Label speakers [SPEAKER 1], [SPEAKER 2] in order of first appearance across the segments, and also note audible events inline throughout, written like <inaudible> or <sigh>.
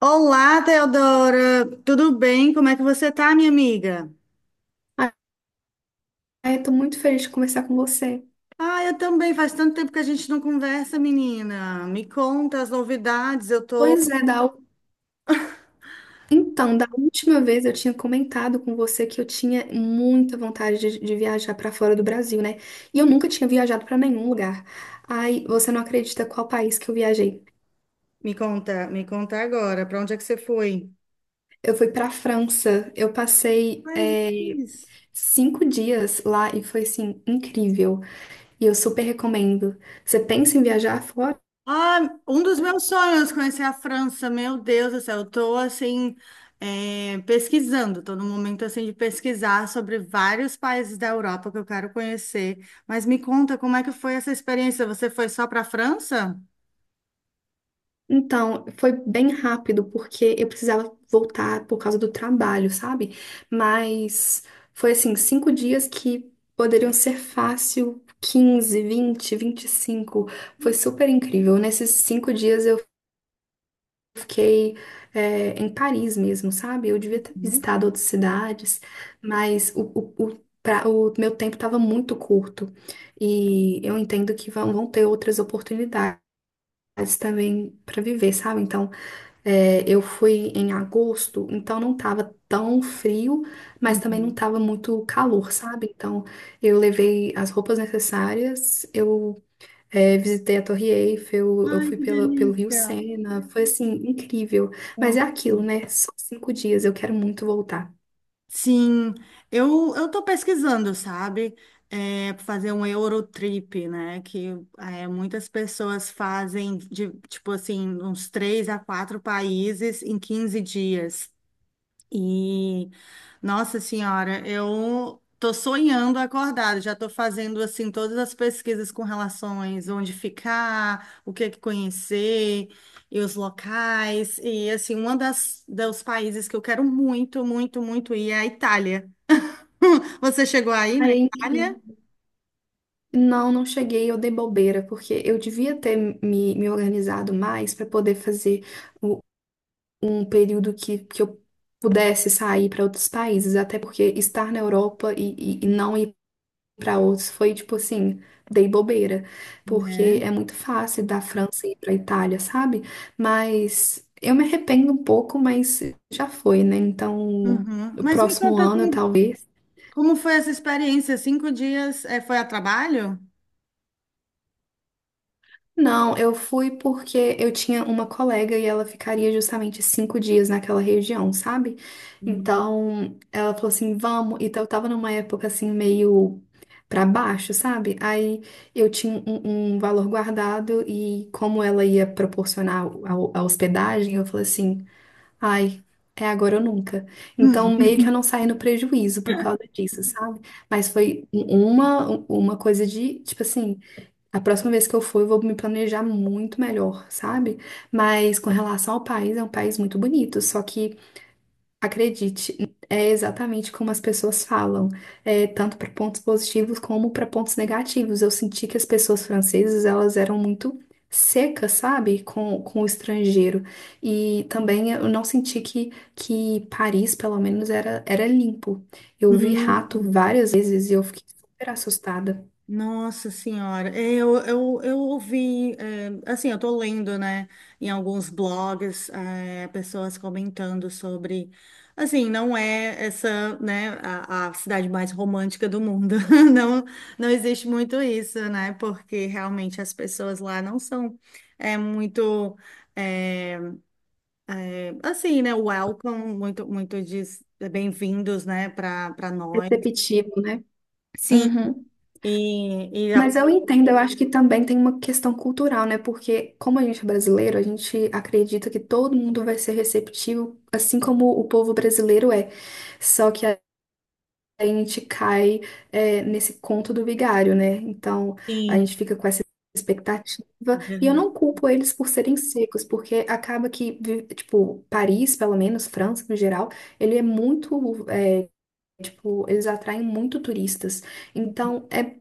[SPEAKER 1] Olá, Teodora. Tudo bem? Como é que você tá, minha amiga?
[SPEAKER 2] Ah, eu tô muito feliz de conversar com você.
[SPEAKER 1] Ah, eu também. Faz tanto tempo que a gente não conversa, menina. Me conta as novidades. Eu tô.
[SPEAKER 2] Pois é. Então, da última vez eu tinha comentado com você que eu tinha muita vontade de viajar pra fora do Brasil, né? E eu nunca tinha viajado pra nenhum lugar. Ai, você não acredita qual país que eu viajei.
[SPEAKER 1] Me conta agora. Para onde é que você foi?
[SPEAKER 2] Eu fui pra França, eu passei
[SPEAKER 1] Ai, Jesus.
[SPEAKER 2] cinco dias lá e foi, assim, incrível. E eu super recomendo. Você pensa em viajar fora?
[SPEAKER 1] Ah, um dos meus sonhos, conhecer a França. Meu Deus do céu, eu tô assim, pesquisando. Tô no momento assim de pesquisar sobre vários países da Europa que eu quero conhecer. Mas me conta, como é que foi essa experiência? Você foi só para a França?
[SPEAKER 2] Então, foi bem rápido, porque eu precisava voltar por causa do trabalho, sabe? Mas foi assim, 5 dias que poderiam ser fácil, 15 20 25. Foi super incrível. Nesses 5 dias eu fiquei, em Paris mesmo, sabe? Eu devia ter visitado outras cidades, mas o meu tempo estava muito curto e eu entendo que vão ter outras oportunidades também para viver, sabe? Então, eu fui em agosto, então não tava tão frio, mas também não
[SPEAKER 1] Uhum.
[SPEAKER 2] tava muito calor, sabe? Então eu levei as roupas necessárias, eu visitei a Torre Eiffel, eu
[SPEAKER 1] Ai,
[SPEAKER 2] fui
[SPEAKER 1] que
[SPEAKER 2] pelo Rio
[SPEAKER 1] delícia.
[SPEAKER 2] Sena, foi assim, incrível. Mas
[SPEAKER 1] Ó.
[SPEAKER 2] é aquilo, né? Só 5 dias, eu quero muito voltar.
[SPEAKER 1] Sim, eu tô pesquisando, sabe? É, pra fazer um Eurotrip, né? Que muitas pessoas fazem tipo assim, uns três a quatro países em 15 dias. E, nossa senhora, eu tô sonhando acordado, já tô fazendo assim todas as pesquisas com relações onde ficar, o que é que conhecer e os locais. E assim, uma das dos países que eu quero muito, muito, muito ir é a Itália. <laughs> Você chegou aí na
[SPEAKER 2] Ai, é
[SPEAKER 1] Itália?
[SPEAKER 2] incrível. Não, não cheguei, eu dei bobeira, porque eu devia ter me organizado mais para poder fazer o um período que eu pudesse sair para outros países, até porque estar na Europa e não ir para outros foi tipo assim, dei bobeira, porque
[SPEAKER 1] Né?
[SPEAKER 2] é muito fácil da França ir para Itália, sabe? Mas eu me arrependo um pouco, mas já foi, né? Então,
[SPEAKER 1] Uhum.
[SPEAKER 2] no
[SPEAKER 1] Mas me
[SPEAKER 2] próximo
[SPEAKER 1] conta
[SPEAKER 2] ano,
[SPEAKER 1] como,
[SPEAKER 2] talvez.
[SPEAKER 1] como foi essa experiência? Cinco dias, foi a trabalho?
[SPEAKER 2] Não, eu fui porque eu tinha uma colega e ela ficaria justamente 5 dias naquela região, sabe? Então, ela falou assim, vamos. Então, eu tava numa época assim, meio pra baixo, sabe? Aí eu tinha um valor guardado e como ela ia proporcionar a hospedagem, eu falei assim, ai, é agora ou nunca. Então, meio que eu não saí no prejuízo por causa disso, sabe? Mas foi uma coisa de, tipo assim. A próxima vez que eu for, eu vou me planejar muito melhor, sabe? Mas com relação ao país, é um país muito bonito. Só que, acredite, é exatamente como as pessoas falam, tanto para pontos positivos como para pontos negativos. Eu senti que as pessoas francesas, elas eram muito secas, sabe? Com o estrangeiro. E também eu não senti que Paris, pelo menos, era limpo. Eu vi rato
[SPEAKER 1] Uhum.
[SPEAKER 2] várias vezes e eu fiquei super assustada.
[SPEAKER 1] Nossa Senhora, é, eu ouvi, é, assim, eu tô lendo, né, em alguns blogs, é, pessoas comentando sobre, assim, não é essa, né, a cidade mais romântica do mundo, <laughs> não, não existe muito isso, né, porque realmente as pessoas lá não são, é, muito, é, assim, né, welcome, muito, muito de bem-vindos, né, para nós.
[SPEAKER 2] Perceptivo, né?
[SPEAKER 1] Sim,
[SPEAKER 2] Uhum.
[SPEAKER 1] e, e, a-
[SPEAKER 2] Mas eu entendo, eu acho que também tem uma questão cultural, né? Porque como a gente é brasileiro, a gente acredita que todo mundo vai ser receptivo, assim como o povo brasileiro é. Só que a gente cai, nesse conto do vigário, né? Então a
[SPEAKER 1] sim,
[SPEAKER 2] gente fica com essa expectativa. E eu
[SPEAKER 1] verdade.
[SPEAKER 2] não culpo eles por serem secos, porque acaba que, tipo, Paris, pelo menos, França no geral, ele é muito tipo, eles atraem muito turistas. Então, é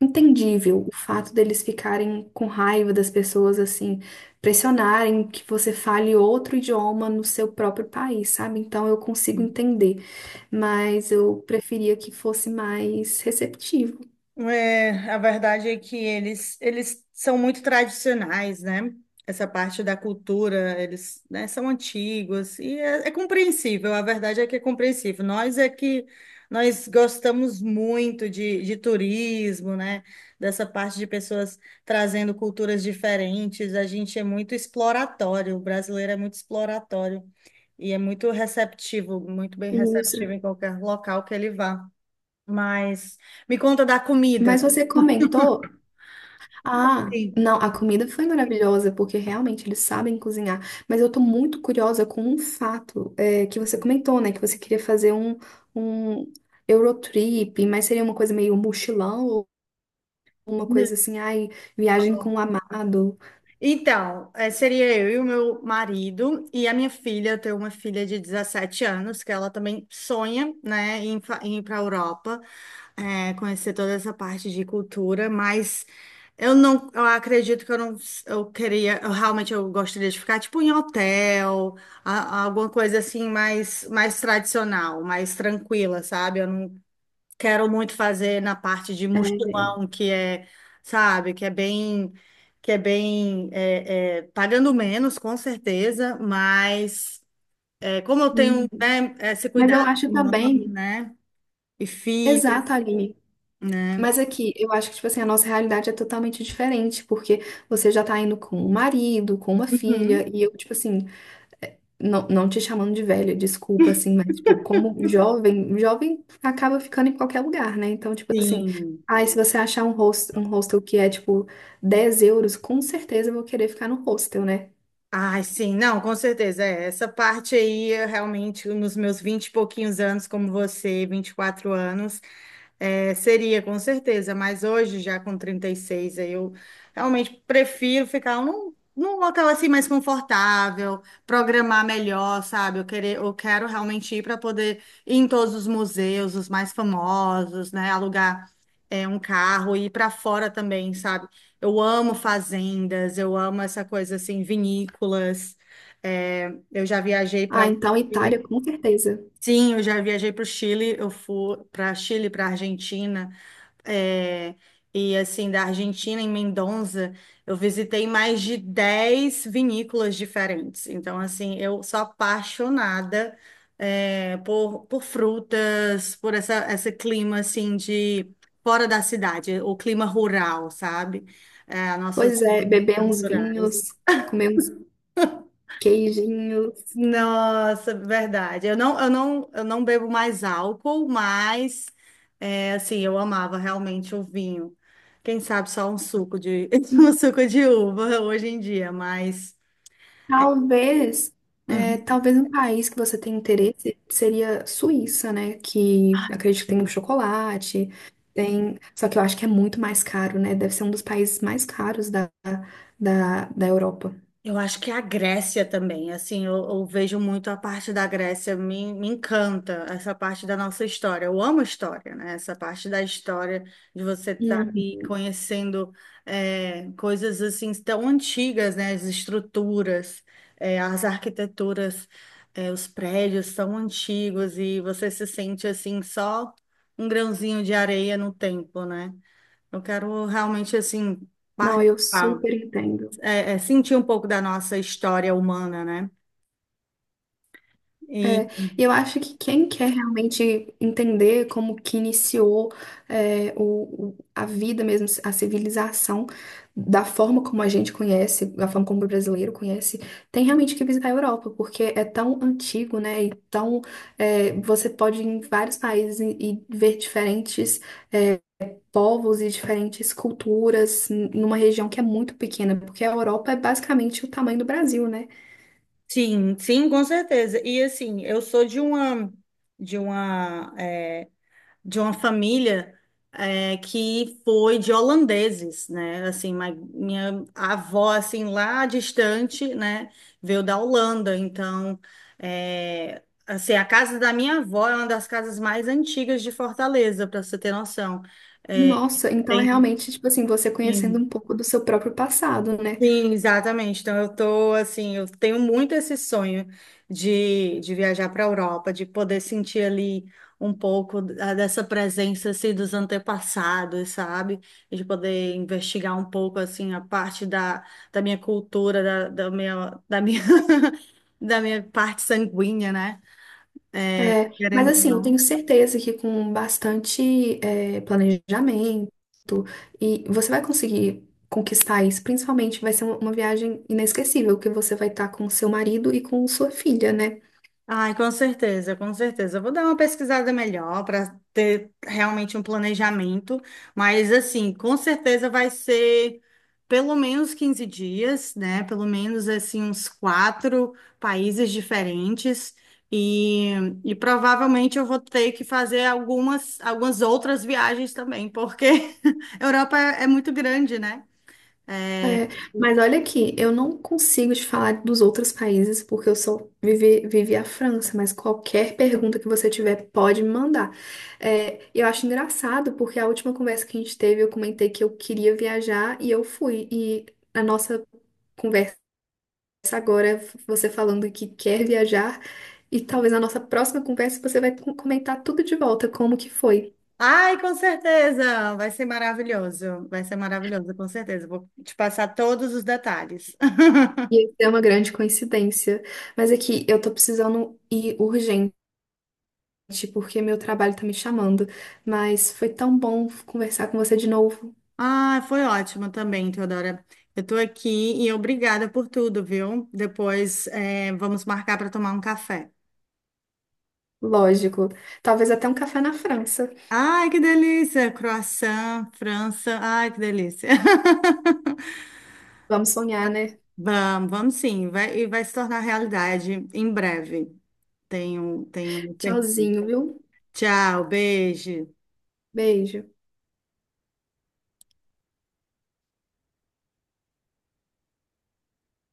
[SPEAKER 2] entendível o fato deles ficarem com raiva das pessoas, assim, pressionarem que você fale outro idioma no seu próprio país, sabe? Então, eu consigo entender, mas eu preferia que fosse mais receptivo.
[SPEAKER 1] É, a verdade é que eles são muito tradicionais, né? Essa parte da cultura, eles, né, são antigos e é compreensível. A verdade é que é compreensível. Nós é que nós gostamos muito de turismo, né? Dessa parte de pessoas trazendo culturas diferentes. A gente é muito exploratório. O brasileiro é muito exploratório e é muito receptivo, muito bem
[SPEAKER 2] Isso.
[SPEAKER 1] receptivo em qualquer local que ele vá. Mas me conta da comida.
[SPEAKER 2] Mas você comentou. Ah,
[SPEAKER 1] Sim.
[SPEAKER 2] não, a comida foi maravilhosa, porque realmente eles sabem cozinhar. Mas eu tô muito curiosa com um fato, que você comentou, né? Que você queria fazer um Eurotrip, mas seria uma coisa meio mochilão, ou uma
[SPEAKER 1] Não.
[SPEAKER 2] coisa assim, ai, viagem com o amado.
[SPEAKER 1] Então, seria eu e o meu marido e a minha filha. Eu tenho uma filha de 17 anos que ela também sonha, né, em ir para a Europa, conhecer toda essa parte de cultura, mas eu acredito que eu não, eu queria, eu realmente eu gostaria de ficar tipo em hotel, alguma coisa assim mais tradicional, mais tranquila, sabe? Eu quero muito fazer na parte de
[SPEAKER 2] É.
[SPEAKER 1] mochilão, que é, sabe, que é bem, pagando menos, com certeza, mas é, como eu tenho,
[SPEAKER 2] Uhum.
[SPEAKER 1] né, esse
[SPEAKER 2] Mas eu
[SPEAKER 1] cuidado
[SPEAKER 2] acho
[SPEAKER 1] com mãe,
[SPEAKER 2] também.
[SPEAKER 1] né, e filha,
[SPEAKER 2] Exato, Aline.
[SPEAKER 1] né,
[SPEAKER 2] Mas aqui, eu acho que, tipo assim, a nossa realidade é totalmente diferente, porque você já tá indo com um marido, com uma filha,
[SPEAKER 1] uhum,
[SPEAKER 2] e eu, tipo assim, não, não te chamando de velha, desculpa, assim, mas, tipo, como jovem, jovem acaba ficando em qualquer lugar, né? Então, tipo assim,
[SPEAKER 1] sim,
[SPEAKER 2] ai, se você achar um hostel que é, tipo, 10 euros, com certeza eu vou querer ficar no hostel, né?
[SPEAKER 1] ai, sim, não, com certeza. É, essa parte aí, eu realmente, nos meus vinte e pouquinhos anos, como você, 24 anos, é, seria, com certeza. Mas hoje, já com 36 aí eu realmente prefiro ficar num local assim mais confortável, programar melhor, sabe? Eu quero realmente ir para poder ir em todos os museus, os mais famosos, né? Alugar, um carro e ir para fora também, sabe? Eu amo fazendas, eu amo essa coisa assim, vinícolas. É, eu já viajei para
[SPEAKER 2] Ah,
[SPEAKER 1] o
[SPEAKER 2] então
[SPEAKER 1] Chile.
[SPEAKER 2] Itália, com certeza.
[SPEAKER 1] Sim, eu já viajei para o Chile, eu fui para Chile, para Argentina é, e assim, da Argentina, em Mendoza, eu visitei mais de 10 vinícolas diferentes. Então, assim, eu sou apaixonada, é, por frutas, esse clima, assim, de fora da cidade, o clima rural, sabe? É, nossas
[SPEAKER 2] Pois é, beber uns
[SPEAKER 1] naturais.
[SPEAKER 2] vinhos, comer uns queijinhos.
[SPEAKER 1] Nossa, verdade. Eu não bebo mais álcool, mas é, assim, eu amava realmente o vinho. Quem sabe só um suco de <laughs> um suco de uva hoje em dia, mas
[SPEAKER 2] Talvez,
[SPEAKER 1] uhum.
[SPEAKER 2] talvez um país que você tem interesse seria Suíça, né? Que acredito que tem um chocolate, tem. Só que eu acho que é muito mais caro, né? Deve ser um dos países mais caros da Europa.
[SPEAKER 1] Eu acho que a Grécia também, assim, eu vejo muito a parte da Grécia, me encanta essa parte da nossa história. Eu amo história, né? Essa parte da história, de você estar
[SPEAKER 2] Uhum.
[SPEAKER 1] ali conhecendo é, coisas assim tão antigas, né? As estruturas, é, as arquiteturas, é, os prédios tão antigos e você se sente assim só um grãozinho de areia no tempo, né? Eu quero realmente assim
[SPEAKER 2] Não, eu super entendo.
[SPEAKER 1] é sentir um pouco da nossa história humana, né? E
[SPEAKER 2] É, e eu acho que quem quer realmente entender como que iniciou a vida mesmo, a civilização, da forma como a gente conhece, da forma como o brasileiro conhece, tem realmente que visitar a Europa, porque é tão antigo, né? E tão, você pode ir em vários países e ver diferentes povos e diferentes culturas numa região que é muito pequena, porque a Europa é basicamente o tamanho do Brasil, né?
[SPEAKER 1] sim, sim, com certeza. E assim, eu sou de uma é, de uma família é, que foi de holandeses, né? Assim, minha avó assim lá distante, né, veio da Holanda. Então, é, assim, a casa da minha avó é uma das casas mais antigas de Fortaleza, para você ter noção. É,
[SPEAKER 2] Nossa, então é
[SPEAKER 1] tem,
[SPEAKER 2] realmente, tipo assim, você conhecendo um pouco do seu próprio passado, né?
[SPEAKER 1] sim, exatamente. Então eu tô assim, eu tenho muito esse sonho de viajar para a Europa, de poder sentir ali um pouco dessa presença assim dos antepassados, sabe? E de poder investigar um pouco assim a parte da minha cultura, da minha <laughs> da minha parte sanguínea, né?
[SPEAKER 2] É, mas
[SPEAKER 1] Querendo ou
[SPEAKER 2] assim, eu tenho
[SPEAKER 1] não.
[SPEAKER 2] certeza que com bastante planejamento e você vai conseguir conquistar isso, principalmente vai ser uma viagem inesquecível, que você vai estar com seu marido e com sua filha, né?
[SPEAKER 1] Ai, com certeza, com certeza. Eu vou dar uma pesquisada melhor para ter realmente um planejamento, mas assim, com certeza vai ser pelo menos 15 dias, né? Pelo menos assim uns quatro países diferentes e, e provavelmente eu vou ter que fazer algumas outras viagens também, porque <laughs> a Europa é muito grande, né?
[SPEAKER 2] É, mas olha aqui, eu não consigo te falar dos outros países porque eu só vivi a França, mas qualquer pergunta que você tiver pode me mandar. É, eu acho engraçado porque a última conversa que a gente teve eu comentei que eu queria viajar e eu fui. E a nossa conversa agora é você falando que quer viajar e talvez na nossa próxima conversa você vai comentar tudo de volta, como que foi.
[SPEAKER 1] Ai, com certeza! Vai ser maravilhoso. Vai ser maravilhoso, com certeza. Vou te passar todos os detalhes.
[SPEAKER 2] E
[SPEAKER 1] <laughs>
[SPEAKER 2] isso é uma grande coincidência. Mas aqui, eu tô precisando ir urgente porque meu trabalho tá me chamando. Mas foi tão bom conversar com você de novo.
[SPEAKER 1] Ah, foi ótimo também, Teodora. Eu tô aqui e obrigada por tudo, viu? Depois, vamos marcar para tomar um café.
[SPEAKER 2] Lógico. Talvez até um café na França.
[SPEAKER 1] Ai, que delícia! Croissant, França. Ai, que delícia! <laughs>
[SPEAKER 2] Vamos sonhar, né?
[SPEAKER 1] Vamos, vamos sim. Vai, e vai se tornar realidade em breve. Tenho certeza.
[SPEAKER 2] Tchauzinho, viu?
[SPEAKER 1] Tchau, beijo.
[SPEAKER 2] Beijo.